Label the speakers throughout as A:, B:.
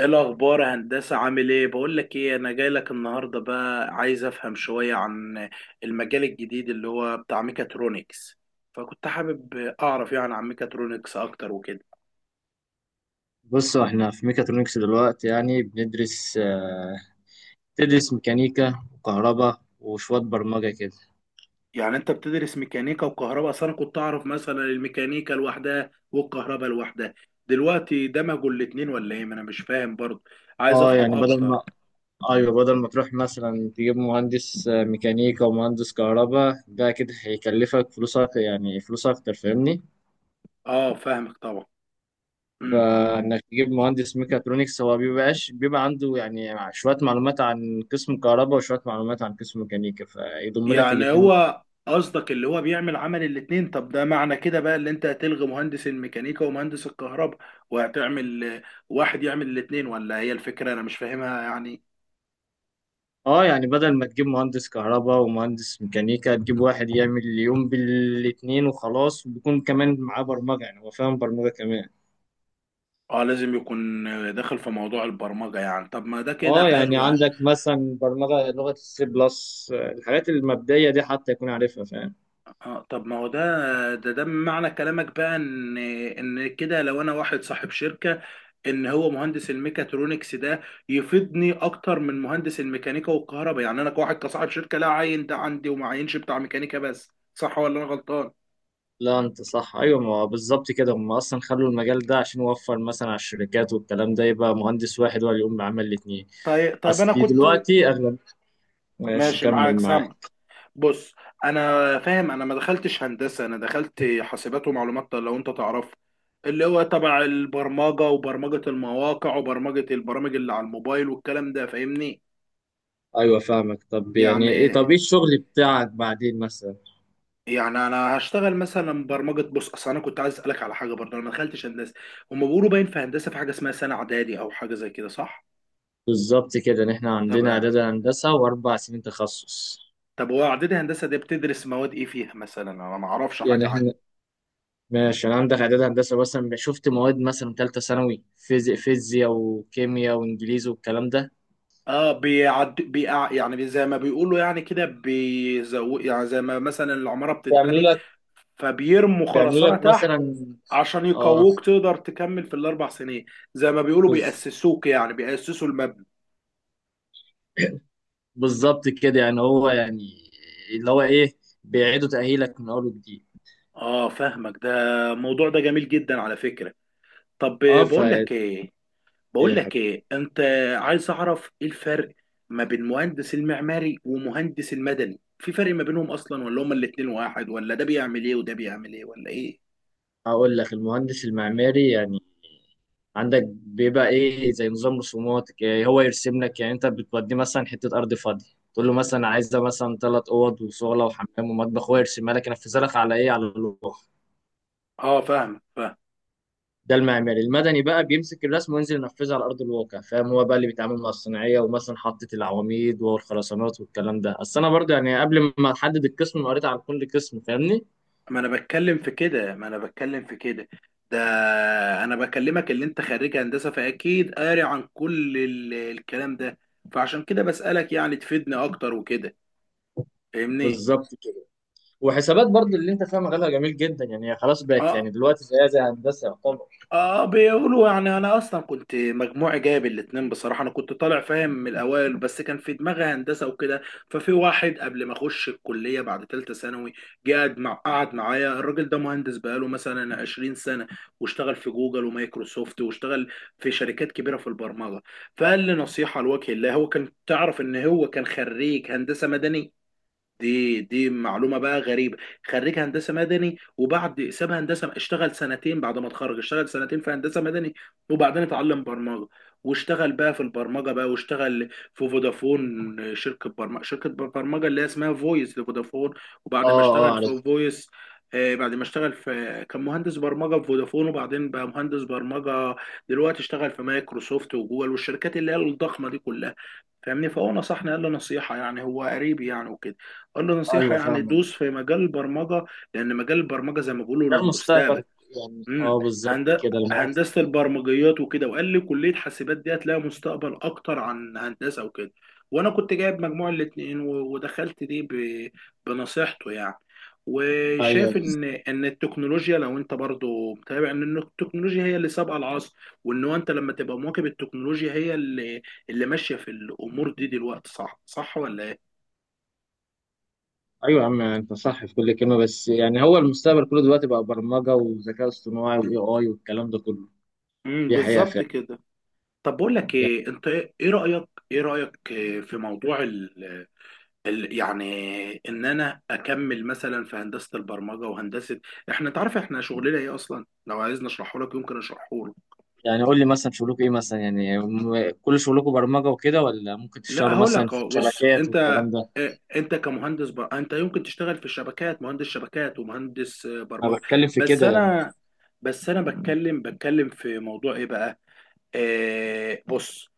A: ايه الاخبار يا هندسه؟ عامل ايه؟ بقول لك ايه، انا جاي لك النهارده بقى عايز افهم شويه عن المجال الجديد اللي هو بتاع ميكاترونكس. فكنت حابب اعرف يعني عن ميكاترونكس اكتر وكده.
B: بص، احنا في ميكاترونكس دلوقتي يعني بندرس آه، بتدرس ميكانيكا وكهرباء وشوية برمجة كده.
A: يعني انت بتدرس ميكانيكا وكهرباء؟ اصل انا كنت اعرف مثلا الميكانيكا لوحدها والكهرباء لوحدها، دلوقتي دمجوا الاتنين ولا ايه؟ ما انا مش فاهم برضه، عايز
B: اه
A: افهم
B: يعني بدل
A: اكتر.
B: ما ايوه، بدل ما تروح مثلا تجيب مهندس ميكانيكا ومهندس كهرباء، ده كده هيكلفك فلوسك يعني فلوس اكتر، فاهمني؟
A: اه فاهمك طبعا.
B: فانك تجيب مهندس ميكاترونكس، هو بيبقى عنده يعني شوية معلومات عن قسم كهرباء وشوية معلومات عن قسم ميكانيكا، فيضم لك
A: يعني
B: الاتنين.
A: هو قصدك اللي هو بيعمل عمل الاتنين؟ طب ده معنى كده بقى اللي انت هتلغي مهندس الميكانيكا ومهندس الكهرباء وهتعمل واحد يعمل الاتنين، ولا هي الفكرة انا مش فاهمها يعني.
B: اه يعني بدل ما تجيب مهندس كهرباء ومهندس ميكانيكا، تجيب واحد يعمل اليوم بالاتنين وخلاص، وبيكون كمان معاه برمجة، يعني هو فاهم برمجة كمان.
A: اه لازم يكون داخل في موضوع البرمجة يعني. طب ما ده كده
B: اه يعني
A: حلو.
B: عندك مثلا برمجة لغة السي بلس، الحاجات المبدئية دي حتى يكون عارفها فاهم.
A: اه طب ما هو ده معنى كلامك بقى ان كده لو انا واحد صاحب شركة، ان هو مهندس الميكاترونكس ده يفيدني اكتر من مهندس الميكانيكا والكهرباء، يعني انا كواحد كصاحب شركة لا عين ده عندي وما عينش بتاع ميكانيكا بس، صح ولا انا غلطان؟
B: لا، انت صح. ايوه، ما هو بالظبط كده، هم اصلا خلوا المجال ده عشان يوفر مثلا على الشركات والكلام ده، يبقى مهندس واحد هو اللي يقوم بعمل الاتنين.
A: طيب انا
B: اصلي
A: كنت
B: دلوقتي اغلب ماشي
A: ماشي
B: كمل
A: معاك سامع.
B: معاك.
A: بص انا فاهم، انا ما دخلتش هندسه، انا دخلت حاسبات ومعلومات لو انت تعرف، اللي هو تبع البرمجه وبرمجه المواقع وبرمجه البرامج اللي على الموبايل والكلام ده، فاهمني.
B: ايوه فاهمك.
A: يعني
B: طب ايه الشغل بتاعك بعدين مثلا؟
A: يعني انا هشتغل مثلا برمجه. بص اصل انا كنت عايز اسالك على حاجه برضه، انا ما دخلتش هندسه. هم بيقولوا باين في هندسه في حاجه اسمها سنه اعدادي او حاجه زي كده، صح؟
B: بالظبط كده، ان احنا
A: طب
B: عندنا اعداد هندسه واربع سنين تخصص.
A: طب هو اعدادي هندسه دي بتدرس مواد ايه فيها مثلا؟ انا ما اعرفش
B: يعني
A: حاجه
B: احنا
A: عنها.
B: ماشي، انا عندك اعداد هندسه، مثلا شفت مواد مثلا ثالثه ثانوي، فيزياء وكيمياء وانجليزي والكلام ده.
A: اه بيعد بيقع يعني، زي ما بيقولوا يعني كده بيزو، يعني زي ما مثلا العمارة
B: بيعملوا
A: بتتبني
B: لك
A: فبيرموا
B: بيعملوا
A: خرسانة
B: لك
A: تحت
B: مثلا.
A: عشان
B: اه،
A: يقووك تقدر تكمل في الاربع سنين، زي ما بيقولوا
B: بز-
A: بيأسسوك، يعني بيأسسوا المبنى.
B: بالظبط كده، يعني هو يعني اللي هو ايه، بيعيدوا تاهيلك من اول وجديد.
A: اه فاهمك، ده الموضوع ده جميل جدا على فكرة. طب
B: اه ف
A: بقول لك
B: ايه،
A: ايه، بقول
B: يا
A: لك
B: حبيبي.
A: ايه انت، عايز اعرف ايه الفرق ما بين مهندس المعماري ومهندس المدني؟ في فرق ما بينهم اصلا ولا هما الاتنين واحد؟ ولا ده بيعمل ايه وده بيعمل ايه ولا ايه؟
B: هقول لك: المهندس المعماري يعني عندك بيبقى ايه زي نظام رسومات، إيه هو يرسم لك، يعني انت بتوديه مثلا حته ارض فاضيه، تقول له مثلا عايز ده مثلا ثلاث اوض وصاله وحمام ومطبخ، هو يرسمها لك ينفذها لك على ايه على اللوح.
A: اه فاهم فاهم.
B: ده المعماري. المدني بقى بيمسك الرسم وينزل ينفذها على ارض الواقع، فاهم؟ هو بقى اللي بيتعامل مع الصناعيه، ومثلا حاطط العواميد والخرسانات والكلام ده. اصل انا برضه يعني قبل ما احدد القسم، أنا قريت عن كل قسم، فاهمني.
A: ما انا بتكلم في كده ما انا بتكلم في كده ده انا بكلمك اللي انت خريج هندسه فاكيد قاري عن كل الكلام ده، فعشان كده بسألك يعني تفيدني اكتر وكده، فاهمني.
B: بالظبط، وحسابات برضه اللي انت فاهم مجالها جميل جدا، يعني هي خلاص بقت
A: اه
B: يعني دلوقتي زيها زي هندسه يعتبر.
A: اه بيقولوا يعني. انا اصلا كنت مجموعي جايب الاتنين بصراحه، انا كنت طالع فاهم من الاوائل بس كان في دماغي هندسه وكده. ففي واحد قبل ما اخش الكليه بعد ثالثه ثانوي، جه قعد معايا الراجل ده مهندس بقاله مثلا 20 سنه، واشتغل في جوجل ومايكروسوفت واشتغل في شركات كبيره في البرمجه. فقال لي نصيحه لوجه الله، هو كان تعرف ان هو كان خريج هندسه مدني، دي معلومه بقى غريبه، خريج هندسه مدني وبعد ساب هندسه اشتغل سنتين بعد ما اتخرج، اشتغل سنتين في هندسه مدني وبعدين اتعلم برمجه، واشتغل بقى في البرمجه بقى، واشتغل في فودافون، شركه برمجه اللي هي اسمها فويس لفودافون. وبعد ما
B: اه اه
A: اشتغل
B: عارف.
A: في فويس بعد ما اشتغل في، كان مهندس برمجه في فودافون وبعدين بقى مهندس برمجه دلوقتي اشتغل في مايكروسوفت وجوجل والشركات اللي هي الضخمه دي كلها، فاهمني. فهو نصحني، قال له نصيحة يعني، هو قريبي يعني وكده، قال له نصيحة
B: ايوه
A: يعني
B: فاهمك.
A: دوس في مجال البرمجة، لأن مجال البرمجة زي ما بيقولوا
B: ده
A: المستقبل.
B: المستقبل. يعني
A: امم
B: اه بالظبط
A: هند-
B: كده المواقف.
A: هندسه البرمجيات وكده. وقال لي كليه حاسبات دي هتلاقي مستقبل اكتر عن هندسه وكده، وانا كنت جايب مجموع الاتنين ودخلت دي بنصيحته يعني.
B: ايوه
A: وشايف
B: بس.
A: ان التكنولوجيا، لو انت برضو متابع ان التكنولوجيا هي اللي سابقه العصر، وان هو انت لما تبقى مواكب التكنولوجيا هي اللي ماشيه في الامور دي دلوقتي، صح ولا ايه؟
B: ايوه يا عم، انت صح في كل كلمه، بس يعني هو المستقبل كله دلوقتي بقى برمجه وذكاء اصطناعي واي اي والكلام ده كله. دي حقيقه
A: بالظبط
B: فعلا.
A: كده. طب بقول لك
B: يعني
A: ايه انت، إيه رايك، ايه رايك إيه في موضوع يعني ان انا اكمل مثلا في هندسه البرمجه وهندسه؟ احنا تعرف احنا شغلنا ايه اصلا؟ لو عايزني اشرحه لك يمكن اشرحه لك.
B: يعني قول لي مثلا شغلكم ايه مثلا، يعني كل شغلكم برمجه وكده ولا ممكن
A: لا
B: تشتغلوا
A: هقول
B: مثلا
A: لك
B: في
A: أهو، بص
B: الشبكات
A: انت،
B: والكلام ده؟
A: إيه، انت كمهندس انت يمكن تشتغل في الشبكات، مهندس شبكات ومهندس
B: انا
A: برمجه.
B: بتكلم في
A: بس
B: كده يعني.
A: انا بس انا بتكلم في موضوع ايه بقى؟ إيه، بص،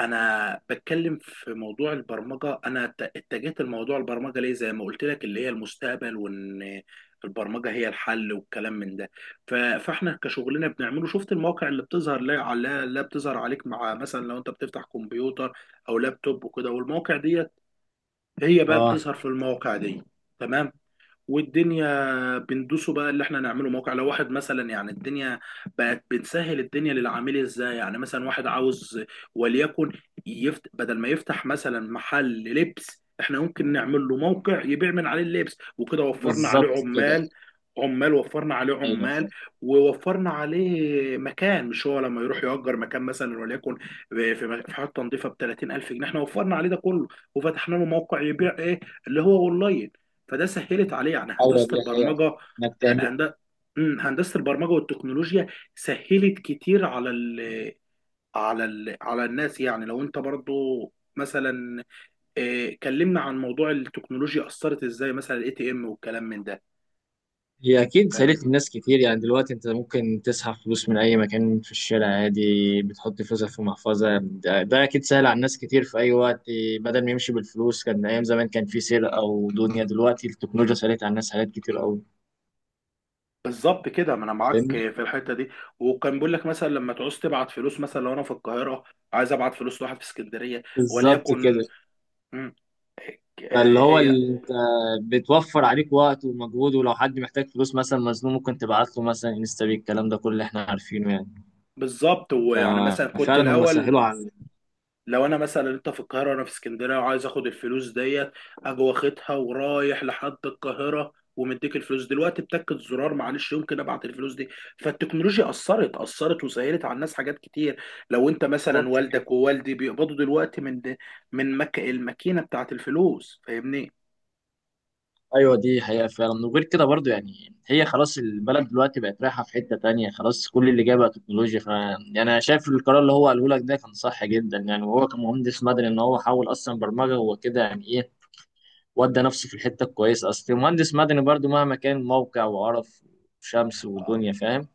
A: انا بتكلم في موضوع البرمجه، انا اتجهت لموضوع البرمجه ليه؟ زي ما قلت لك اللي هي المستقبل، وان البرمجه هي الحل والكلام من ده. فاحنا كشغلنا بنعمله، شفت المواقع اللي بتظهر، لا على لا بتظهر عليك مع مثلا لو انت بتفتح كمبيوتر او لابتوب وكده، والمواقع ديت هي بقى
B: اه
A: بتظهر في المواقع دي. تمام. والدنيا بندوسه بقى اللي احنا نعمله موقع، لو واحد مثلا، يعني الدنيا بقت بنسهل الدنيا للعميل. ازاي؟ يعني مثلا واحد عاوز وليكن بدل ما يفتح مثلا محل لبس احنا ممكن نعمل له موقع يبيع من عليه اللبس وكده، وفرنا عليه
B: بالظبط كده.
A: عمال، عمال وفرنا عليه
B: ايوه.
A: عمال ووفرنا عليه مكان، مش هو لما يروح يأجر مكان مثلا وليكن في حته نظيفه ب 30000 جنيه؟ احنا وفرنا عليه ده كله وفتحنا له موقع يبيع ايه، اللي هو اونلاين، فده سهلت عليه يعني
B: ايوه
A: هندسه
B: دي حقيقة.
A: البرمجه.
B: انك تعمل.
A: هند... هندسه البرمجه والتكنولوجيا سهلت كتير على على الناس. يعني لو انت برضو مثلا، كلمنا عن موضوع التكنولوجيا اثرت ازاي، مثلا الاي تي ام والكلام من ده،
B: هي اكيد
A: فاهم.
B: سالت الناس كتير، يعني دلوقتي انت ممكن تسحب فلوس من اي مكان في الشارع عادي، بتحط فلوسك في محفظة، ده اكيد سهل على الناس كتير في اي وقت. بدل ما يمشي بالفلوس كان ايام زمان كان في سرقة او دنيا، دلوقتي التكنولوجيا سالت على الناس حاجات كتير قوي،
A: بالظبط كده، ما انا معاك
B: فاهمني.
A: في الحته دي. وكان بيقول لك مثلا لما تعوز تبعت فلوس، مثلا لو انا في القاهره عايز ابعت فلوس لواحد في اسكندريه
B: بالظبط
A: وليكن،
B: كده.
A: مم،
B: فاللي هو
A: آه، آه،
B: اللي انت بتوفر عليك وقت ومجهود، ولو حد محتاج فلوس مثلا مزنوق ممكن تبعت له مثلا انستا بي، الكلام ده كله احنا عارفينه يعني.
A: بالظبط. ويعني مثلا كنت
B: ففعلا هم
A: الاول
B: سهلوا على.
A: لو انا مثلا، انت في القاهره وانا في اسكندريه وعايز اخد الفلوس ديت، اجي واخدها ورايح لحد القاهره ومديك الفلوس، دلوقتي بتكة زرار معلش يمكن ابعت الفلوس دي. فالتكنولوجيا اثرت وسهلت على الناس حاجات كتير. لو انت مثلا
B: بالظبط.
A: والدك ووالدي بيقبضوا دلوقتي من من الماكينه بتاعت الفلوس، فاهمني.
B: ايوه دي حقيقة فعلا، وغير كده برضو يعني هي خلاص البلد دلوقتي بقت رايحة في حتة تانية، خلاص كل اللي جاي بقى تكنولوجيا، ف يعني انا شايف القرار اللي هو قاله لك ده كان صح جدا، يعني وهو كمهندس مدني، ان هو حاول اصلا برمجة هو كده يعني ايه، ودى نفسه في الحتة الكويسة. اصل المهندس مدني برضو مهما كان موقع وعرف وشمس ودنيا، فاهم؟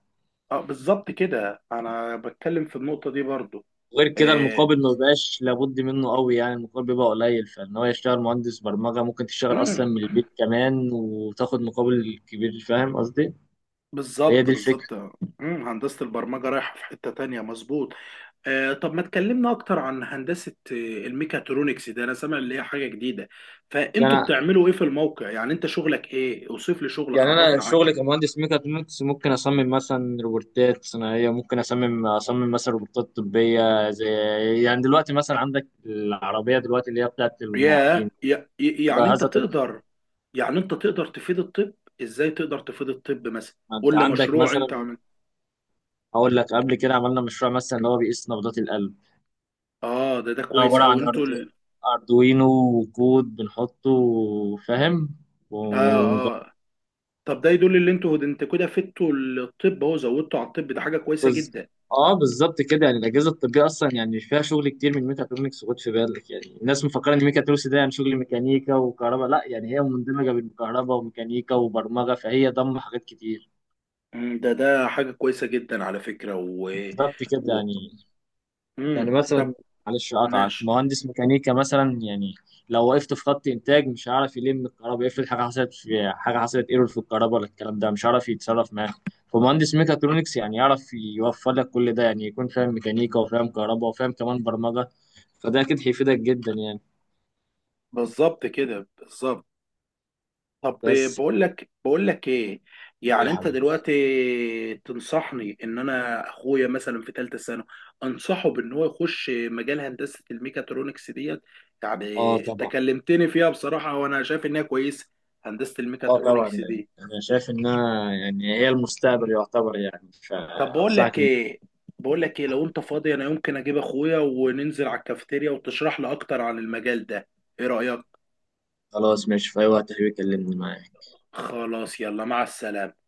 A: اه بالظبط كده، انا بتكلم في النقطه دي برضو.
B: غير كده
A: آه،
B: المقابل ما بقاش لابد منه قوي، يعني المقابل بيبقى قليل، فان هو يشتغل مهندس برمجة ممكن تشتغل
A: امم
B: اصلا من البيت كمان وتاخد مقابل كبير، فاهم قصدي؟ هي
A: بالظبط
B: دي الفكرة.
A: بالظبط هندسه البرمجه رايحه في حته تانية، مظبوط. طب ما تكلمنا اكتر عن هندسة الميكاترونكس ده، انا سامع اللي هي حاجة جديدة. فانتوا
B: يعني
A: بتعملوا ايه في الموقع؟ يعني انت شغلك ايه؟ اوصف لي شغلك،
B: يعني انا
A: عرفنا عن.
B: شغلي كمهندس ميكاترونكس ممكن اصمم مثلا روبوتات صناعيه، ممكن اصمم مثلا روبوتات طبيه زي، يعني دلوقتي مثلا عندك العربيه دلوقتي اللي هي بتاعت المعاقين،
A: يعني انت
B: جهازة طب.
A: تقدر، يعني انت تقدر تفيد الطب؟ ازاي تقدر تفيد الطب مثلا؟
B: ما انت
A: قول لي
B: عندك
A: مشروع انت
B: مثلا.
A: عمل.
B: هقول لك: قبل كده عملنا مشروع مثلا اللي هو بيقيس نبضات القلب،
A: اه ده ده
B: ده
A: كويس
B: عباره
A: قوي،
B: عن
A: انتوا
B: اردوينو وكود بنحطه، فاهم.
A: اه اه. طب ده يدل ان انتوا، انت كده فدتوا الطب، اهو زودتوا على الطب، ده حاجة كويسة
B: بز...
A: جدا.
B: اه بالظبط كده، يعني الاجهزه الطبيه اصلا يعني فيها شغل كتير من ميكاترونكس، خد في بالك يعني الناس مفكره ان ميكاترونكس ده يعني شغل ميكانيكا وكهرباء، لا يعني هي مندمجه بين كهرباء وميكانيكا وبرمجه، فهي ضم حاجات كتير.
A: ده ده حاجة كويسة جدا على فكرة، و,
B: بالظبط كده
A: و...
B: يعني يعني
A: ده
B: مثلا، معلش اقطعك،
A: ماشي.
B: مهندس ميكانيكا مثلا يعني لو وقفت في خط انتاج مش هعرف يلم الكهرباء، افرض حاجه حصلت ايرور في الكهرباء ولا الكلام ده، مش هعرف يتصرف معاه. فمهندس ميكاترونكس يعني يعرف يوفر لك كل ده، يعني يكون فاهم ميكانيكا وفاهم كهرباء وفاهم كمان برمجه، فده اكيد هيفيدك جدا يعني.
A: بالظبط كده بالظبط. طب
B: بس،
A: بقول لك ايه،
B: يا
A: يعني انت
B: حبيبي.
A: دلوقتي تنصحني ان انا اخويا مثلا في ثالثه ثانوي انصحه بان هو يخش مجال هندسه الميكاترونكس ديت؟ يعني
B: اه
A: انت
B: طبعا.
A: كلمتني فيها بصراحه وانا شايف انها كويسه، هندسه
B: اه طبعا،
A: الميكاترونكس
B: يعني
A: دي.
B: انا شايف انها يعني هي المستقبل يعتبر يعني،
A: طب بقول
B: فانصحك
A: لك
B: انك.
A: ايه، لو انت فاضي انا يمكن اجيب اخويا وننزل على الكافيتيريا وتشرح لي اكتر عن المجال ده، ايه رايك؟
B: خلاص ماشي، في اي وقت حبيبي كلمني معاك.
A: خلاص يلا مع السلامه.